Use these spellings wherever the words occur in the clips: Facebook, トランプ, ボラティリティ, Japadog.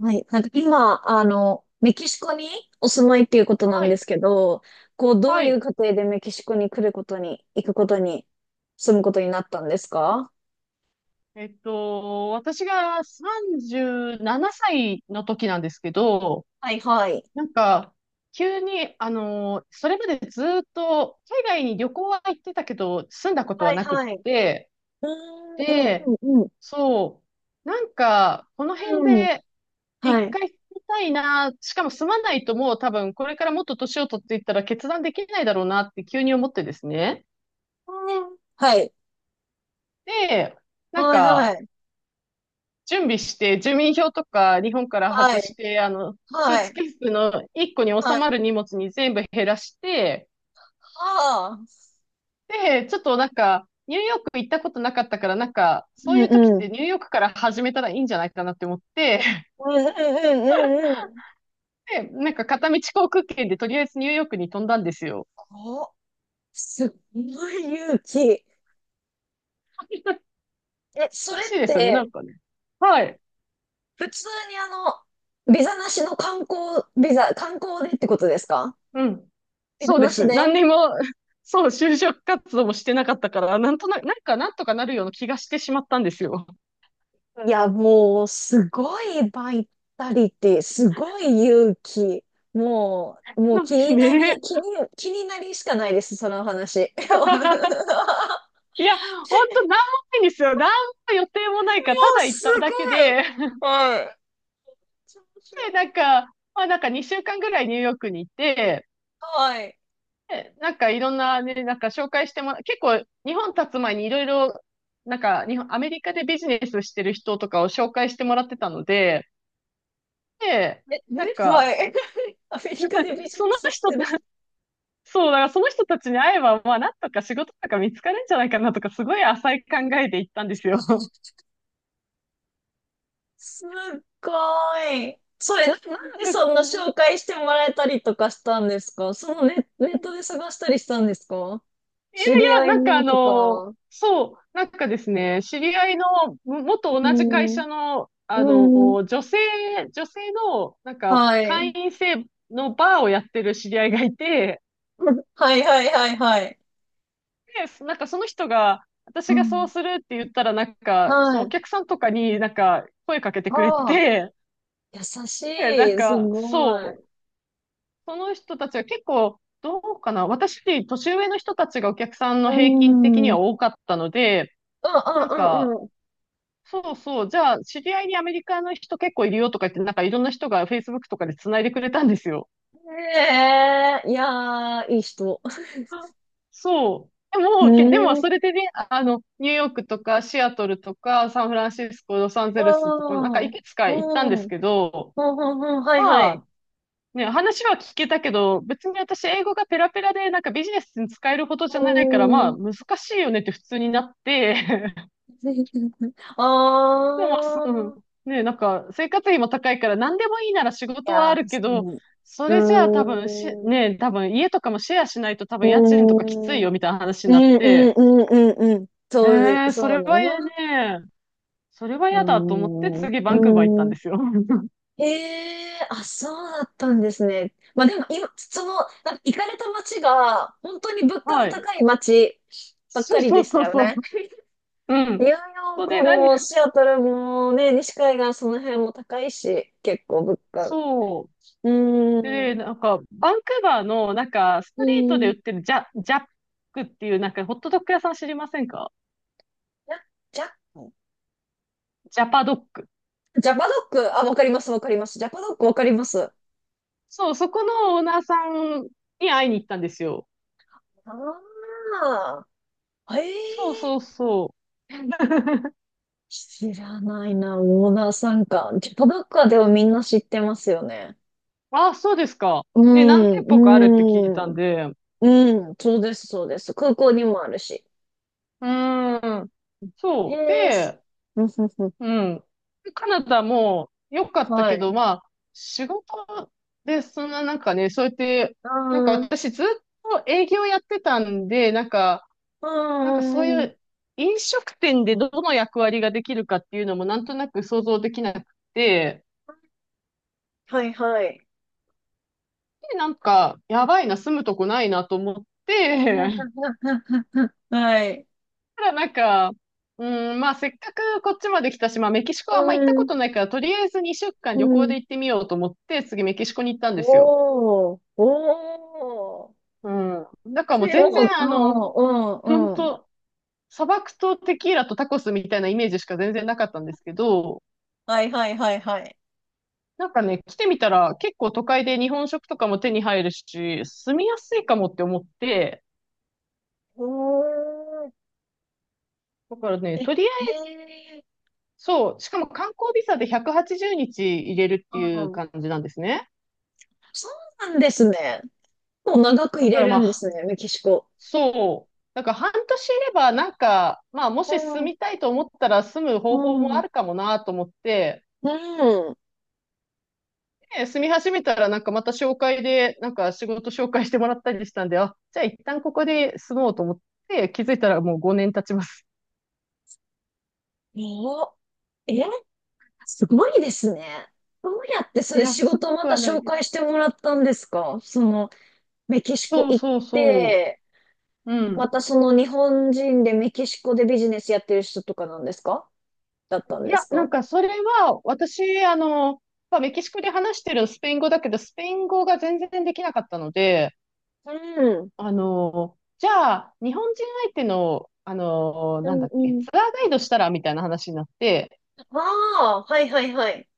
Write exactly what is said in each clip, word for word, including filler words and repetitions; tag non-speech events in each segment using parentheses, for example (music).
はい。なんか今、あの、メキシコにお住まいっていうことなはんでい。すけど、こう、どうはいうい。過程でメキシコに来ることに、行くことに、住むことになったんですか？えっと、私がさんじゅうななさいの時なんですけど、はいはい。なんか、急に、あの、それまでずっと海外に旅行は行ってたけど、住んだことははいなくっはい。うて、ーん、で、うん、うん、そう、なんか、この辺うん。うん。では一い。回住みたいな、しかも住まないともう多分これからもっと年を取っていったら決断できないだろうなって急に思ってですね。うんはい。で、なんはいはか、い。準備して、住民票とか日本からは外しい。て、あの、スーはツい。ケースのいっこに収はい。まる荷物に全部減らして、はあ。で、ちょっとなんか、ニューヨーク行ったことなかったから、なんか、うそういう時んっうん。てニューヨークから始めたらいいんじゃないかなって思って、うんうんうんうんうん。で、なんか片道航空券でとりあえずニューヨークに飛んだんですよ。お、すごい勇気。(laughs) え、そおかれしっいですよね、なて、んかね。はい。普通にあの、ビザなしの観光、ビザ、観光でってことですか？うん。ビザそうでなしす。何で。にも、(laughs) そう、就職活動もしてなかったから、なんとなく、なんかなんとかなるような気がしてしまったんですよ。いや、もう、すごいバイタリティ、すごい勇気。もう、もうなん気かになり、ね。気に、気になりしかないです、その話。(laughs) (laughs) いや、ほんと、なんもないんですよ。なんも予定もないから、たお、だ行っすただけで、ご (laughs) い。はい。面白い。で、なんか、まあなんかにしゅうかんぐらいニューヨークに行って、はい。でなんかいろんなね、なんか紹介してもら、結構日本立つ前にいろいろ、なんか日本、アメリカでビジネスしてる人とかを紹介してもらってたので、で、え、なんえ、はか、い。(laughs) アメリカでビ (laughs) ジそネのスして人るた、人。そう、だからその人たちに会えば、まあなんとか仕事とか見つかるんじゃないかなとか、すごい浅い考えで行ったんですよ。すっごい。それ、ななんでそんな (laughs) 紹介してもらえたりとかしたんですか？そのネ、ネットで探したりしたんですか？知り合あいなんかあのとの、か。そう、なんかですね、知り合いの、も元う同じ会ん。社の、あの、うん。女性、女性の、なんか、はい。会員制のバーをやってる知り合いがいて、(laughs) はいはいはいはい。で、なんかその人が、う私がそん。うするって言ったら、なんか、そのはおい。客さんとかになんか、声かけてくれああ、て、優しで、なんい。すか、ごい。そう、その人たちは結構、どうかな、私より年上の人たちがお客さんのう平ん。均的うんにうんは多かったので、なんうか、んうん。そうそう。じゃあ、知り合いにアメリカの人結構いるよとか言って、なんかいろんな人が Facebook とかで繋いでくれたんですよ。ええいやー、いい人。(laughs) そう。でうも、けでもん。うそれでね、あの、ニューヨークとかシアトルとかサンフランシスコ、ロサンゼルスとか、なんかん。ういん。くつか行ったうんでん。うすん。けど、うんはいはまい。あ、ね、話は聞けたけど、別に私英語がペラペラで、なんかビジネスに使えるほどうじゃないから、まーあ、ん。難しいよねって普通になって、(laughs) でも、そああ。う、ね、なんか、生活費も高いから、何でもいいなら仕い事はやあー、確るかけど、に。そうれじゃあ多分し、ーん。ね、多分家とかもシェアしないと多うー分家賃とかきついん。うんよみたいな話うになっんて、うんうんうん。そうで、ええそそれうだはな。ね、それはうー嫌だと思ってん。う次バンクーバー行ったんーん。ですよ。(laughs) へえ、あ、そうだったんですね。まあでも、今、その、なんか行かれた街が、本当に物価のはい。高い街ばっそかうりそでうしそたうよそう。ね。うん。ニューヨーそうで、ク何、もシアトルもね、西海岸その辺も高いし、結構物価。うそう。ーで、ん。なんか、バンクーバーの、なんか、スうトリートでー売ん。っジてるジャ、ジャックっていう、なんか、ホットドッグ屋さん知りませんか？ャ、ジャ、ジャパドッグ。ジャパドック。あ、わかります、わかります。ジャパドックわかります。そう、そこのオーナーさんに会いに行ったんですよ。ああ。そうえそえ、うそう。(laughs) 知らないな、オーナーさんか。ジャパドックはでもみんな知ってますよね。ああ、そうですか。うね、何店舗かあるん、って聞いたうんで。うん、うん、そうです、そうです。空港にもあるし。ーん。へそう。え、す、で、うんふんふん、うん。カナダも良かったはけい。ど、まあ、仕事で、そんななんかね、そうやって、ああ、なんかうん、私ずっと営業やってたんで、なんか、なんかそうういん、う飲食店でどの役割ができるかっていうのもなんとなく想像できなくて、はい、はい。でなんか、やばいな、住むとこないなと思って、(laughs) (laughs) はい。ただなんか、うん、まあせっかくこっちまで来たし、まあメキシコはうあんま行ったこん、とないから、とりあえずにしゅうかんう旅行ん、で行ってみようと思って、次メキシコに行ったんですよ。おー、おー、うん。だからもう生全お徒。然ああの、あ、う本ん、うん。当砂漠とテキーラとタコスみたいなイメージしか全然なかったんですけど、はいはいはいはい。なんかね、来てみたら結構都会で日本食とかも手に入るし、住みやすいかもって思って、おー、だからね、え、とへりえ、そう。しかも観光ビザでひゃくはちじゅうにち入れるっていううん、感じなんですね。そうなんですね。もう長くだ入かれらるまんであ、すね、メキシコ。そう。だから半年いればなんか、まあもうし住ん、みたいと思ったら住む方法もうあん、るかもなと思って、うん。ね住み始めたらなんかまた紹介で、なんか仕事紹介してもらったりしたんで、あ、じゃあ一旦ここで住もうと思って、気づいたらもうごねん経ちます。お、え、すごいですね。どうやってそいれや、仕す事ごまくたはない紹です。介してもらったんですか？その、メキシコそう行っそうそて、う。うまん。たその日本人でメキシコでビジネスやってる人とかなんですか？だったんいでや、すなんか？かそれは、私、あの、まあ、メキシコで話してるスペイン語だけど、スペイン語が全然できなかったので、うん。あの、じゃあ、日本人相手の、あの、うなんんだっうけ、ん。ツアーガイドしたらみたいな話になって、ああ、はいはいはい。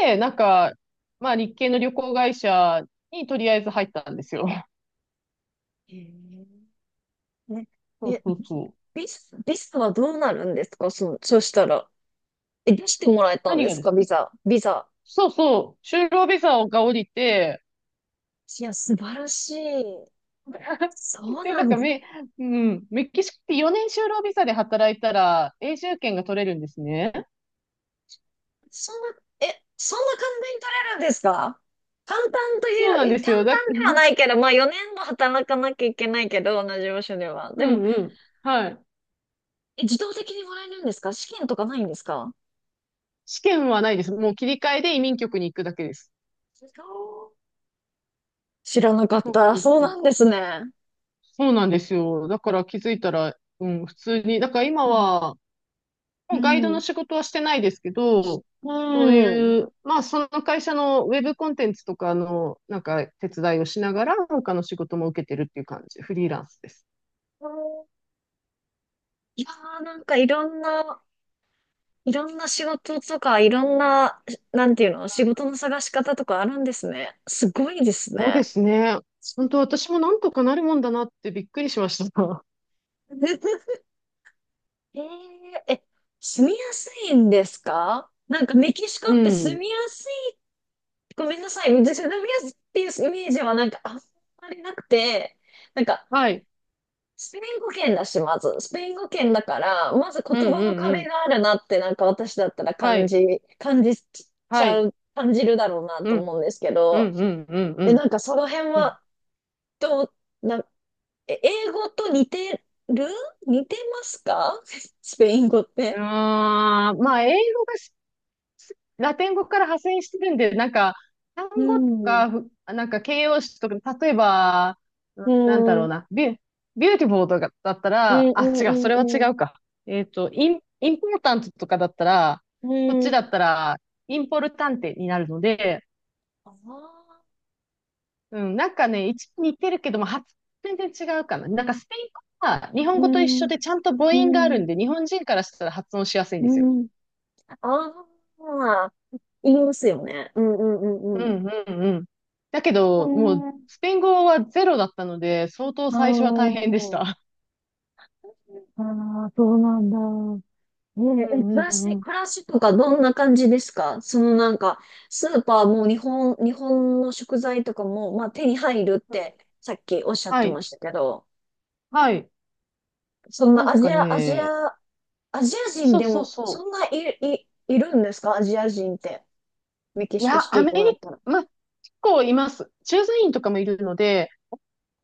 で、なんか、まあ、日系の旅行会社にとりあえず入ったんですよ。へえ。ね、そうえ、そうそう。ビザ、ビザはどうなるんですか？そ、そしたら。え、出してもらえたん何でがすでか？す？ビザ、ビザ。そうそう、就労ビザが降りて、いや、素晴らしい。そうで、ななんんかだ。メ、うん、メキシコってよねん就労ビザで働いたら永住権が取れるんですね。そんな、え、そんな簡単に取れるんですか？簡単とそうなんいう、でえす簡よ。単だ、ではない (laughs) けど、まあよねんも働かなきゃいけないけど、同じ場所では。うでも、んうん。はい。え、自動的にもらえるんですか？試験とかないんですか？試験はないです。もう切り替えで移民局に行くだけです。自動、知らなかっそうそた。うそうそう。なんですね。そうなんですよ。だから気づいたら、うん、普通に、だから今うん。は、うもうガイドのん。仕事はしてないですけど、うそうん。いう、まあその会社のウェブコンテンツとかの、なんか手伝いをしながら、他の仕事も受けてるっていう感じ、フリーランスです。いやー、なんかいろんな、いろんな仕事とか、いろんな、なんていうの、仕事の探し方とかあるんですね。すごいですそうでね。すね。本当私もなんとかなるもんだなってびっくりしました。(laughs) えー、え、住みやすいんですか？なんかメキシ (laughs) うコって住ん。みやすい。ごめんなさい。住みやすいっていうイメージはなんかあんまりなくて、なんかはい。スペイン語圏だし、まず。スペイン語圏だから、まず言うん葉うのんう壁ん。があるなって、なんか私だったらは感い。じ、感じちはゃい。う、感じるだろうなうとん。思うんですけうど、んうんうんうえ、ん。なんかその辺うん、は、どう、な、え、英語と似てる、似てますか？ (laughs) スペイン語って。あー、まあ、英語がし、ラテン語から派生してるんで、なんか、単語うとん。か、ふなんか形容詞とか、例えば、うんうなんだん。うろん、うな、ビュ、ビューティフォーとかだったうん、ら、あ、違う、それは違うん、うか。えっと、イン、インポータントとかだったら、うこっちん。だったら、インポルタンテになるので、ああ。うん、なんかね、一似てるけども、発音全然違うかな。なんかスペイン語は日う本語と一緒ん。でちゃんと母う音があるん。んで、日本人からしたら発音しやすいんうですよ。ん。ああ。言いますよね。うん、うん、ううん、うん。んうんうん。だけえー、ど、もうスペイン語はゼロだったので、相当あ最初は大変でしーた。あー、そうなんだ。えうー、え、暮んうらんうし、ん暮らしとかどんな感じですか？そのなんか、スーパーも日本、日本の食材とかも、まあ手に入るっうん。てさっきおっしゃっはてまい。したけど、はい。そんななんアジかア、アジね、ア、アジア人そうでそうもそそんないい、い、いるんですか？アジア人って。メキう。いシコシや、アティメとリかだったら。カ、まあ、結構います。駐在員とかもいるので、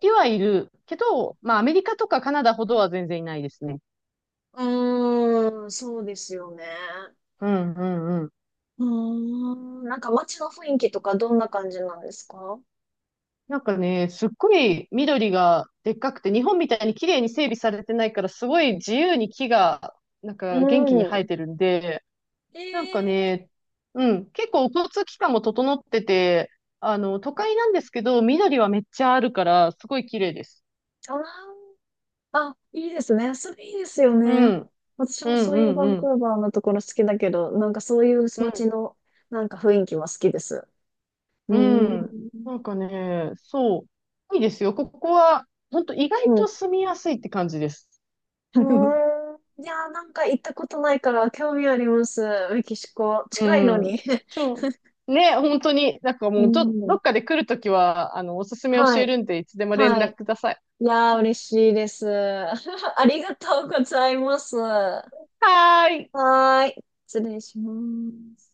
いはいるけど、まあ、アメリカとかカナダほどは全然いないですね。うーん、そうですよね。うんうんうん。うーん、なんか街の雰囲気とかどんな感じなんですか？なんかね、すっごい緑がでっかくて、日本みたいに綺麗に整備されてないから、すごい自由に木が、なんうか元気に生えん。てるんで、えなんかえね、うん、結構交通機関も整ってて、あの、都ー会なんですけど、緑はめっちゃあるから、すごい綺麗です。トラン、あ、いいですね。それいいですようね。ん、私うもん、そうういうん、バンうクん、ーバーのところ好きだけど、なんかそういう街うのなんか雰囲気は好きです。うん、ーうん。ん。なんかね、そう、いいですよ。ここは、本当意う外んうん。と住みやすいって感じです。う (laughs) ーん。いやー、なんか行ったことないから興味あります。メキシコ。う近いのに。ん。ちょ、ね、本当に、なんか (laughs) うもう、ど、どん。っかで来るときは、あの、おす (laughs) すめ教はえい。るんで、いつでも連は絡い。ください。いやー、嬉しいです。(laughs) ありがとうございます。ははーい。ーい。失礼します。